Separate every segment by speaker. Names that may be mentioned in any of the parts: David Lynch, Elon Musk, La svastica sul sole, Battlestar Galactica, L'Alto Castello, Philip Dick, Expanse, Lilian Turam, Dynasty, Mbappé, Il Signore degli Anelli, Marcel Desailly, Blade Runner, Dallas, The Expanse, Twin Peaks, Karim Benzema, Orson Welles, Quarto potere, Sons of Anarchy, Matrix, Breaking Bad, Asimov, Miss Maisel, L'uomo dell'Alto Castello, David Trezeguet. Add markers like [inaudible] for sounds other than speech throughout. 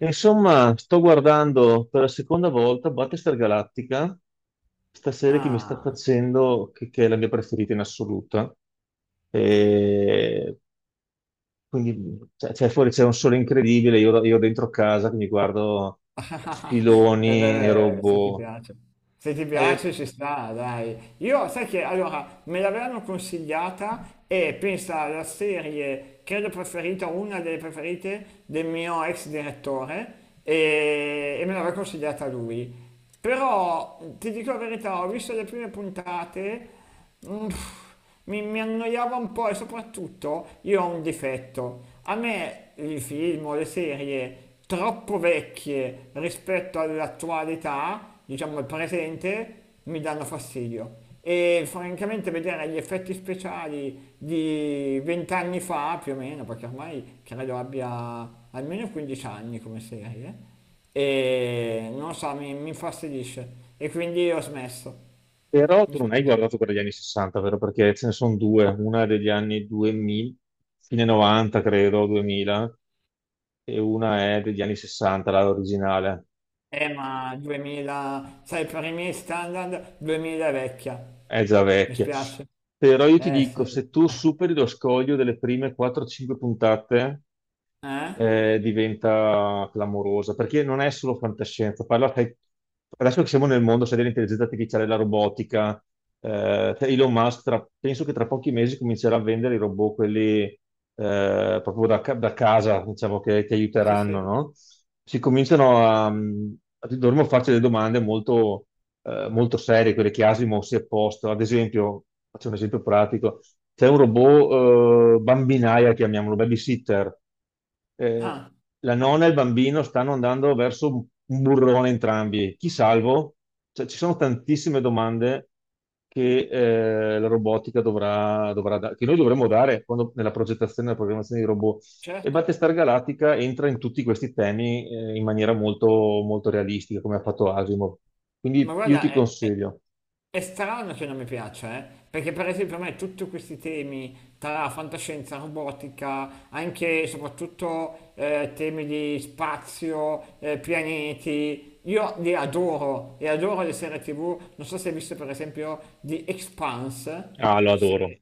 Speaker 1: Insomma, sto guardando per la seconda volta Battlestar Galactica, sta serie che mi sta
Speaker 2: Ah,
Speaker 1: facendo, che è la mia preferita in assoluto. E quindi, cioè, fuori c'è un sole incredibile, io dentro casa che mi guardo
Speaker 2: [laughs] e
Speaker 1: filoni e
Speaker 2: beh, se ti
Speaker 1: robot.
Speaker 2: piace. Se ti
Speaker 1: Eh,
Speaker 2: piace ci sta, dai. Io, sai che, allora, me l'avevano consigliata e pensa alla serie, credo preferita, una delle preferite del mio ex direttore e me l'aveva consigliata lui. Però, ti dico la verità, ho visto le prime puntate, mm, mi annoiava un po' e soprattutto io ho un difetto. A me i film o le serie troppo vecchie rispetto all'attualità, diciamo al presente, mi danno fastidio. E francamente vedere gli effetti speciali di vent'anni fa, più o meno, perché ormai credo abbia almeno 15 anni come serie, e non so, mi infastidisce. E quindi ho smesso.
Speaker 1: però
Speaker 2: Mi
Speaker 1: tu non hai
Speaker 2: spiace.
Speaker 1: guardato quella degli anni 60, vero? Perché ce ne sono due, una è degli anni 2000, fine 90 credo, 2000, e una è degli anni 60, la originale.
Speaker 2: Ma 2000, sai, per i miei standard 2000 è vecchia,
Speaker 1: È già
Speaker 2: mi
Speaker 1: vecchia.
Speaker 2: spiace.
Speaker 1: Però io ti
Speaker 2: Eh
Speaker 1: dico,
Speaker 2: sì.
Speaker 1: se tu superi lo scoglio delle prime 4-5 puntate,
Speaker 2: Eh?
Speaker 1: diventa clamorosa, perché non è solo fantascienza. Parla, sai, adesso che siamo nel mondo, sai, dell'intelligenza artificiale, la robotica, cioè Elon Musk, penso che tra pochi mesi comincerà a vendere i robot, quelli proprio da, da casa, diciamo, che ti
Speaker 2: Sì,
Speaker 1: aiuteranno,
Speaker 2: sì.
Speaker 1: no? Si cominciano dovremmo farci delle domande molto, molto serie, quelle che Asimov si è posto. Ad esempio, faccio un esempio pratico, c'è un robot bambinaia, chiamiamolo, babysitter, eh,
Speaker 2: Ah,
Speaker 1: la nonna e il bambino stanno andando verso un burrone entrambi. Chi salvo? Cioè, ci sono tantissime domande che la robotica che noi dovremmo dare nella progettazione e nella programmazione di robot. E
Speaker 2: certo.
Speaker 1: Battlestar Galactica entra in tutti questi temi in maniera molto, molto realistica, come ha fatto Asimov.
Speaker 2: Ma
Speaker 1: Quindi io
Speaker 2: guarda,
Speaker 1: ti
Speaker 2: è, è-
Speaker 1: consiglio.
Speaker 2: è strano che non mi piaccia, eh? Perché per esempio a me tutti questi temi tra fantascienza, robotica, anche e soprattutto temi di spazio, pianeti, io li adoro e adoro le serie TV. Non so se hai visto per esempio The Expanse.
Speaker 1: Ah, lo adoro.
Speaker 2: Sì.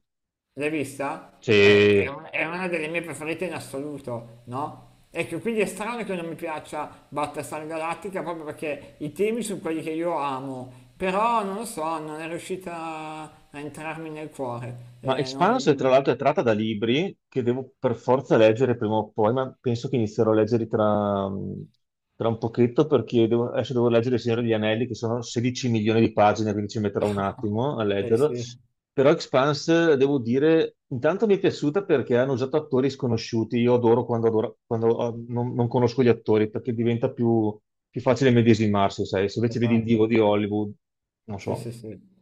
Speaker 2: L'hai vista? È, è
Speaker 1: Sì.
Speaker 2: un- è una delle mie preferite in assoluto, no? Ecco, quindi è strano che non mi piaccia Battlestar Galactica proprio perché i temi sono quelli che io amo, però non lo so, non è riuscita a entrarmi nel cuore.
Speaker 1: Ma Expanse, tra
Speaker 2: Non...
Speaker 1: l'altro, è tratta da libri che devo per forza leggere prima o poi, ma penso che inizierò a leggerli tra un pochetto perché adesso devo leggere Il Signore degli Anelli, che sono 16 milioni di pagine, quindi ci metterò un attimo a
Speaker 2: eh
Speaker 1: leggerlo.
Speaker 2: sì,
Speaker 1: Però Expanse, devo dire, intanto mi è piaciuta perché hanno usato attori sconosciuti. Io adoro quando, quando non conosco gli attori perché diventa più, più facile medesimarsi, sai? Se invece vedi il
Speaker 2: esatto.
Speaker 1: divo di Hollywood, non
Speaker 2: Sì, sì,
Speaker 1: so,
Speaker 2: sì.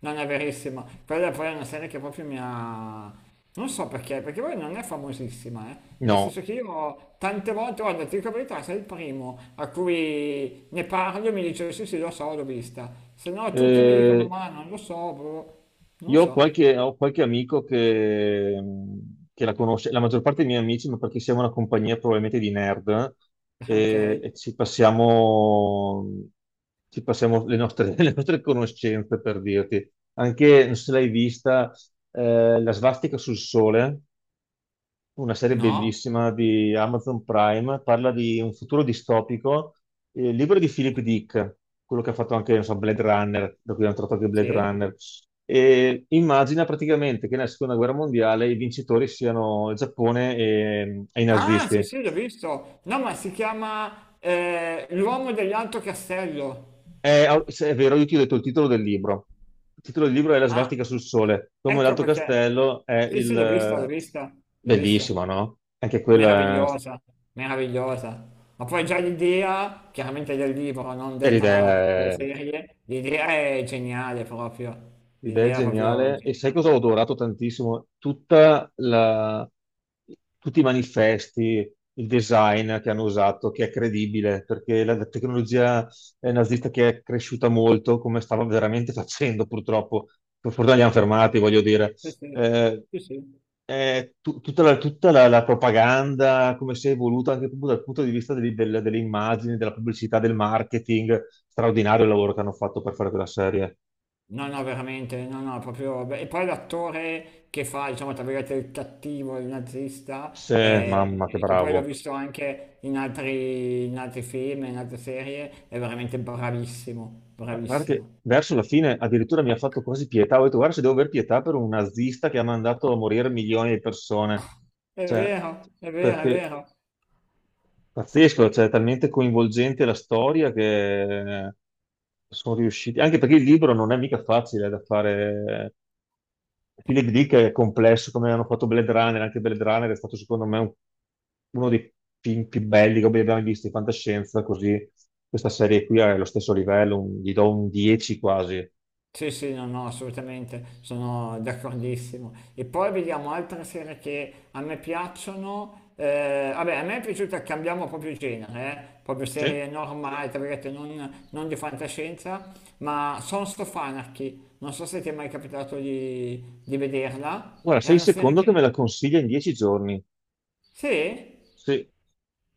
Speaker 2: Non è verissimo. Quella poi è una serie che proprio mi ha. Non so perché, perché poi non è famosissima, eh. Nel
Speaker 1: no.
Speaker 2: senso che io tante volte, guarda, ti dico la verità, sei il primo a cui ne parlo e mi dice sì sì lo so, l'ho vista. Se no tutti mi dicono
Speaker 1: Eh,
Speaker 2: ma non lo so, boh. Non lo
Speaker 1: Io
Speaker 2: so.
Speaker 1: ho qualche amico che la conosce, la maggior parte dei miei amici, ma perché siamo una compagnia probabilmente di nerd
Speaker 2: [laughs] Ok.
Speaker 1: e ci passiamo le nostre, [laughs] le nostre conoscenze per dirti. Anche, non so se l'hai vista, la svastica sul sole una serie
Speaker 2: No.
Speaker 1: bellissima di Amazon Prime, parla di un futuro distopico, libro di Philip Dick, quello che ha fatto anche, non so, Blade Runner, da cui hanno tratto anche Blade
Speaker 2: Sì.
Speaker 1: Runner. E immagina praticamente che nella seconda guerra mondiale i vincitori siano il Giappone e i
Speaker 2: Ah sì
Speaker 1: nazisti.
Speaker 2: sì, l'ho visto. No, ma si chiama L'uomo dell'Alto Castello.
Speaker 1: È, se è vero, io ti ho detto il titolo del libro. Il titolo del libro è La
Speaker 2: Ah,
Speaker 1: svastica sul sole. Come
Speaker 2: ecco
Speaker 1: l'Alto
Speaker 2: perché.
Speaker 1: Castello è
Speaker 2: Sì
Speaker 1: il...
Speaker 2: sì, l'ho vista, l'ho
Speaker 1: eh,
Speaker 2: vista, l'ho vista.
Speaker 1: Bellissimo, no? Anche quella
Speaker 2: Meravigliosa, meravigliosa. Ma poi già l'idea, chiaramente del libro, non
Speaker 1: è
Speaker 2: della
Speaker 1: l'idea.
Speaker 2: serie, l'idea è geniale proprio.
Speaker 1: L'idea è
Speaker 2: L'idea è proprio
Speaker 1: geniale e sai cosa
Speaker 2: geniale.
Speaker 1: ho adorato tantissimo? Tutti i manifesti, il design che hanno usato, che è credibile, perché la tecnologia nazista che è cresciuta molto, come stava veramente facendo purtroppo, per fortuna li hanno fermati, voglio dire,
Speaker 2: Sì, sì,
Speaker 1: eh,
Speaker 2: sì, sì.
Speaker 1: è tutta la, la propaganda, come si è evoluta anche proprio dal punto di vista delle, delle immagini, della pubblicità, del marketing, straordinario il lavoro che hanno fatto per fare quella serie.
Speaker 2: No, no, veramente, no, no, proprio. Beh, e poi l'attore che fa, diciamo, tra virgolette, il cattivo, il
Speaker 1: Sì,
Speaker 2: nazista,
Speaker 1: mamma, che
Speaker 2: e che poi l'ho
Speaker 1: bravo.
Speaker 2: visto anche in altri, film, in altre serie, è veramente bravissimo,
Speaker 1: Ma guarda che
Speaker 2: bravissimo.
Speaker 1: verso la fine addirittura mi ha fatto quasi pietà. Ho detto, guarda, se devo aver pietà per un nazista che ha mandato a morire milioni di persone.
Speaker 2: È
Speaker 1: Cioè,
Speaker 2: vero, è vero, è
Speaker 1: perché
Speaker 2: vero.
Speaker 1: pazzesco, cioè, è talmente coinvolgente la storia che sono riusciti. Anche perché il libro non è mica facile da fare. Philip Dick è complesso, come hanno fatto Blade Runner. Anche Blade Runner è stato, secondo me, uno dei film più belli che abbiamo mai visto in fantascienza. Così, questa serie qui è allo stesso livello, gli do un 10 quasi.
Speaker 2: Sì, sì, no, no, assolutamente, sono d'accordissimo. E poi vediamo altre serie che a me piacciono. Eh, vabbè, a me è piaciuta, cambiamo proprio genere, proprio
Speaker 1: Sì.
Speaker 2: serie normali, tra virgolette, non di fantascienza, ma Sons of Anarchy. Non so se ti è mai capitato di vederla.
Speaker 1: Guarda,
Speaker 2: È
Speaker 1: sei il
Speaker 2: una serie
Speaker 1: secondo che me
Speaker 2: che.
Speaker 1: la consiglia in 10 giorni.
Speaker 2: Sì?
Speaker 1: Se-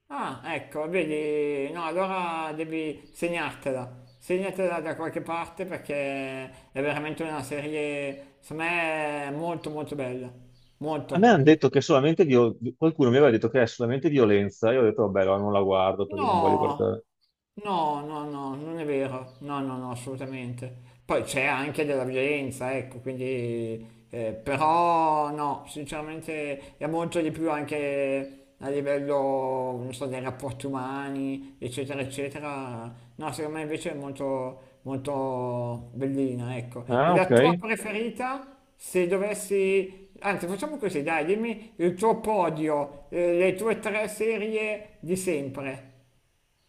Speaker 2: Ah, ecco, vedi, no, allora devi segnartela, segnatela da qualche parte perché è veramente una serie, secondo me, molto molto bella,
Speaker 1: a me
Speaker 2: molto.
Speaker 1: hanno detto che è solamente qualcuno mi aveva detto che è solamente violenza. Io ho detto, vabbè, allora non la guardo perché non voglio
Speaker 2: No,
Speaker 1: guardare.
Speaker 2: no, no, no, non è vero, no, no, no, assolutamente. Poi c'è anche della violenza, ecco, quindi, però no, sinceramente è molto di più anche a livello, non so, dei rapporti umani, eccetera, eccetera. No, secondo me invece è molto, molto bellina, ecco. E
Speaker 1: Ah, ok.
Speaker 2: la tua preferita, se dovessi, anzi, facciamo così, dai, dimmi il tuo podio, le tue tre serie di sempre.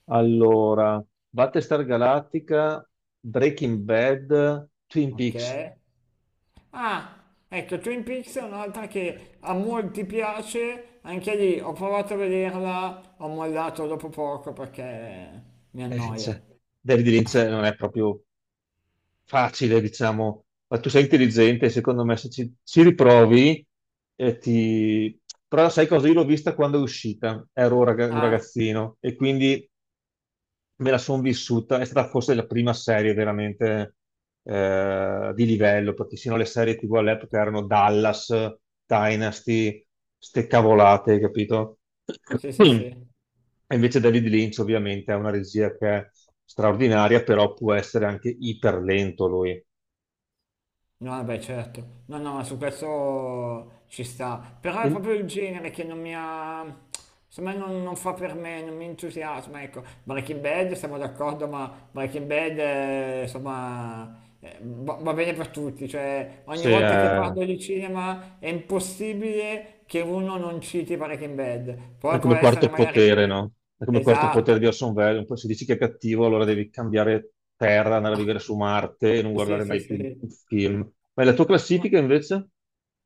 Speaker 1: Allora, Battlestar Galactica, Breaking Bad, Twin
Speaker 2: Ok.
Speaker 1: Peaks.
Speaker 2: Ah, ecco, Twin Peaks è un'altra che a molti piace, anche lì ho provato a vederla, ho mollato dopo poco perché mi annoia.
Speaker 1: Cioè, David Lynch non è proprio facile, diciamo, ma tu sei intelligente, secondo me se ci, ci riprovi, ti... però sai cosa? Io l'ho vista quando è uscita, ero un un
Speaker 2: Ah,
Speaker 1: ragazzino e quindi me la sono vissuta, è stata forse la prima serie veramente di livello, perché sino alle serie TV all'epoca erano Dallas, Dynasty, ste cavolate, capito?
Speaker 2: sì, sì,
Speaker 1: [clears throat]
Speaker 2: sì.
Speaker 1: E invece David Lynch ovviamente ha una regia che è straordinaria, però può essere anche iper lento lui.
Speaker 2: No, vabbè, certo. No, no, ma su questo ci sta. Però è
Speaker 1: E
Speaker 2: proprio il genere che non mi ha. Insomma, non fa per me, non mi entusiasma, ecco. Breaking Bad, siamo d'accordo, ma Breaking Bad, insomma, va bene per tutti. Cioè, ogni
Speaker 1: Se,
Speaker 2: volta che
Speaker 1: eh,
Speaker 2: parlo di cinema è impossibile che uno non citi Breaking Bad.
Speaker 1: è
Speaker 2: Poi può
Speaker 1: come
Speaker 2: essere
Speaker 1: quarto potere,
Speaker 2: magari.
Speaker 1: no? È come quarto potere di
Speaker 2: Esatto,
Speaker 1: Orson Welles. Poi se dici che è cattivo, allora devi cambiare terra, andare a vivere su Marte e non
Speaker 2: sì,
Speaker 1: guardare
Speaker 2: sì,
Speaker 1: mai più
Speaker 2: sì.
Speaker 1: un film. Ma la tua
Speaker 2: No,
Speaker 1: classifica invece?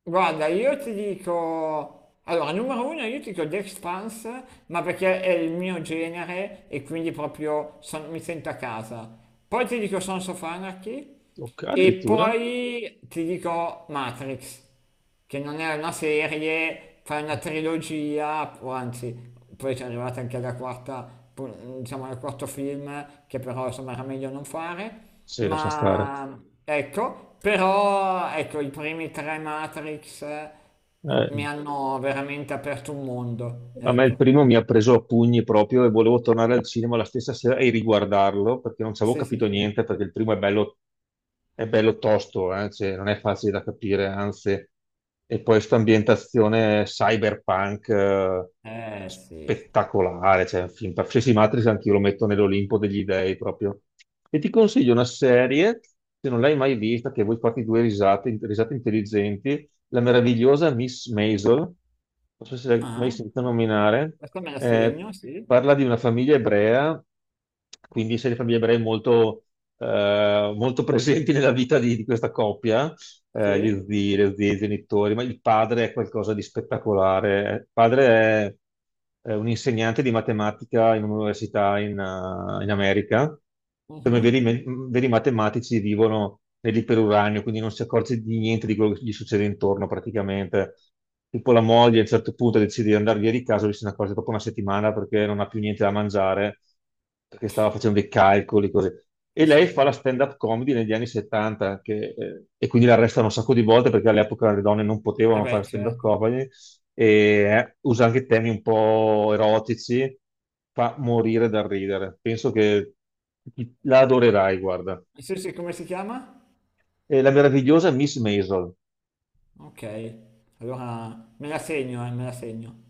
Speaker 2: guarda, io ti dico, allora, numero uno, io ti dico The Expanse, ma perché è il mio genere e quindi proprio mi sento a casa. Poi ti dico Sons of Anarchy
Speaker 1: Ok,
Speaker 2: e
Speaker 1: addirittura?
Speaker 2: poi ti dico Matrix, che non è una serie, fa una trilogia, o anzi, poi c'è arrivata anche la quarta, diciamo al quarto film, che però insomma era meglio non fare,
Speaker 1: Sì, lascia stare.
Speaker 2: ma ecco, però ecco, i primi tre Matrix mi
Speaker 1: Eh,
Speaker 2: hanno veramente aperto un mondo,
Speaker 1: A me il
Speaker 2: ecco.
Speaker 1: primo mi ha preso a pugni proprio e volevo tornare al cinema la stessa sera e riguardarlo perché non ci avevo
Speaker 2: Sì, sì,
Speaker 1: capito
Speaker 2: sì.
Speaker 1: niente, perché il primo è bello tosto, cioè, non è facile da capire, anzi. E poi questa ambientazione cyberpunk...
Speaker 2: Eh sì.
Speaker 1: spettacolare, cioè un film qualsiasi Matrix anch'io lo metto nell'Olimpo degli dei proprio. E ti consiglio una serie, se non l'hai mai vista, che vuoi farti due risate, risate intelligenti, la meravigliosa Miss Maisel, non so se l'hai mai
Speaker 2: Ah,
Speaker 1: sentita nominare,
Speaker 2: questo me la
Speaker 1: eh,
Speaker 2: segno, sì.
Speaker 1: parla di una famiglia ebrea, quindi sei di famiglie ebree molto, molto presenti nella vita di questa coppia, gli
Speaker 2: Sì?
Speaker 1: zii, le zie, i genitori, ma il padre è qualcosa di spettacolare. Il padre è un insegnante di matematica in un'università in America. Come
Speaker 2: Mhm.
Speaker 1: veri matematici vivono nell'iperuranio, quindi non si accorge di niente di quello che gli succede intorno praticamente. Tipo la moglie a un certo punto decide di andare via di casa, lui se ne accorge dopo una settimana perché non ha più niente da mangiare che stava facendo dei calcoli, così. E
Speaker 2: Pensa
Speaker 1: lei fa
Speaker 2: te.
Speaker 1: la stand-up comedy negli anni 70, che, e quindi la arrestano un sacco di volte perché all'epoca le donne non
Speaker 2: Eh
Speaker 1: potevano fare
Speaker 2: beh,
Speaker 1: stand-up
Speaker 2: certo.
Speaker 1: comedy, e usa anche temi un po' erotici, fa morire dal ridere. Penso che la adorerai, guarda.
Speaker 2: Sì, sì, come si chiama?
Speaker 1: E la meravigliosa Miss Maisel.
Speaker 2: Ok, allora me la segno, me la segno.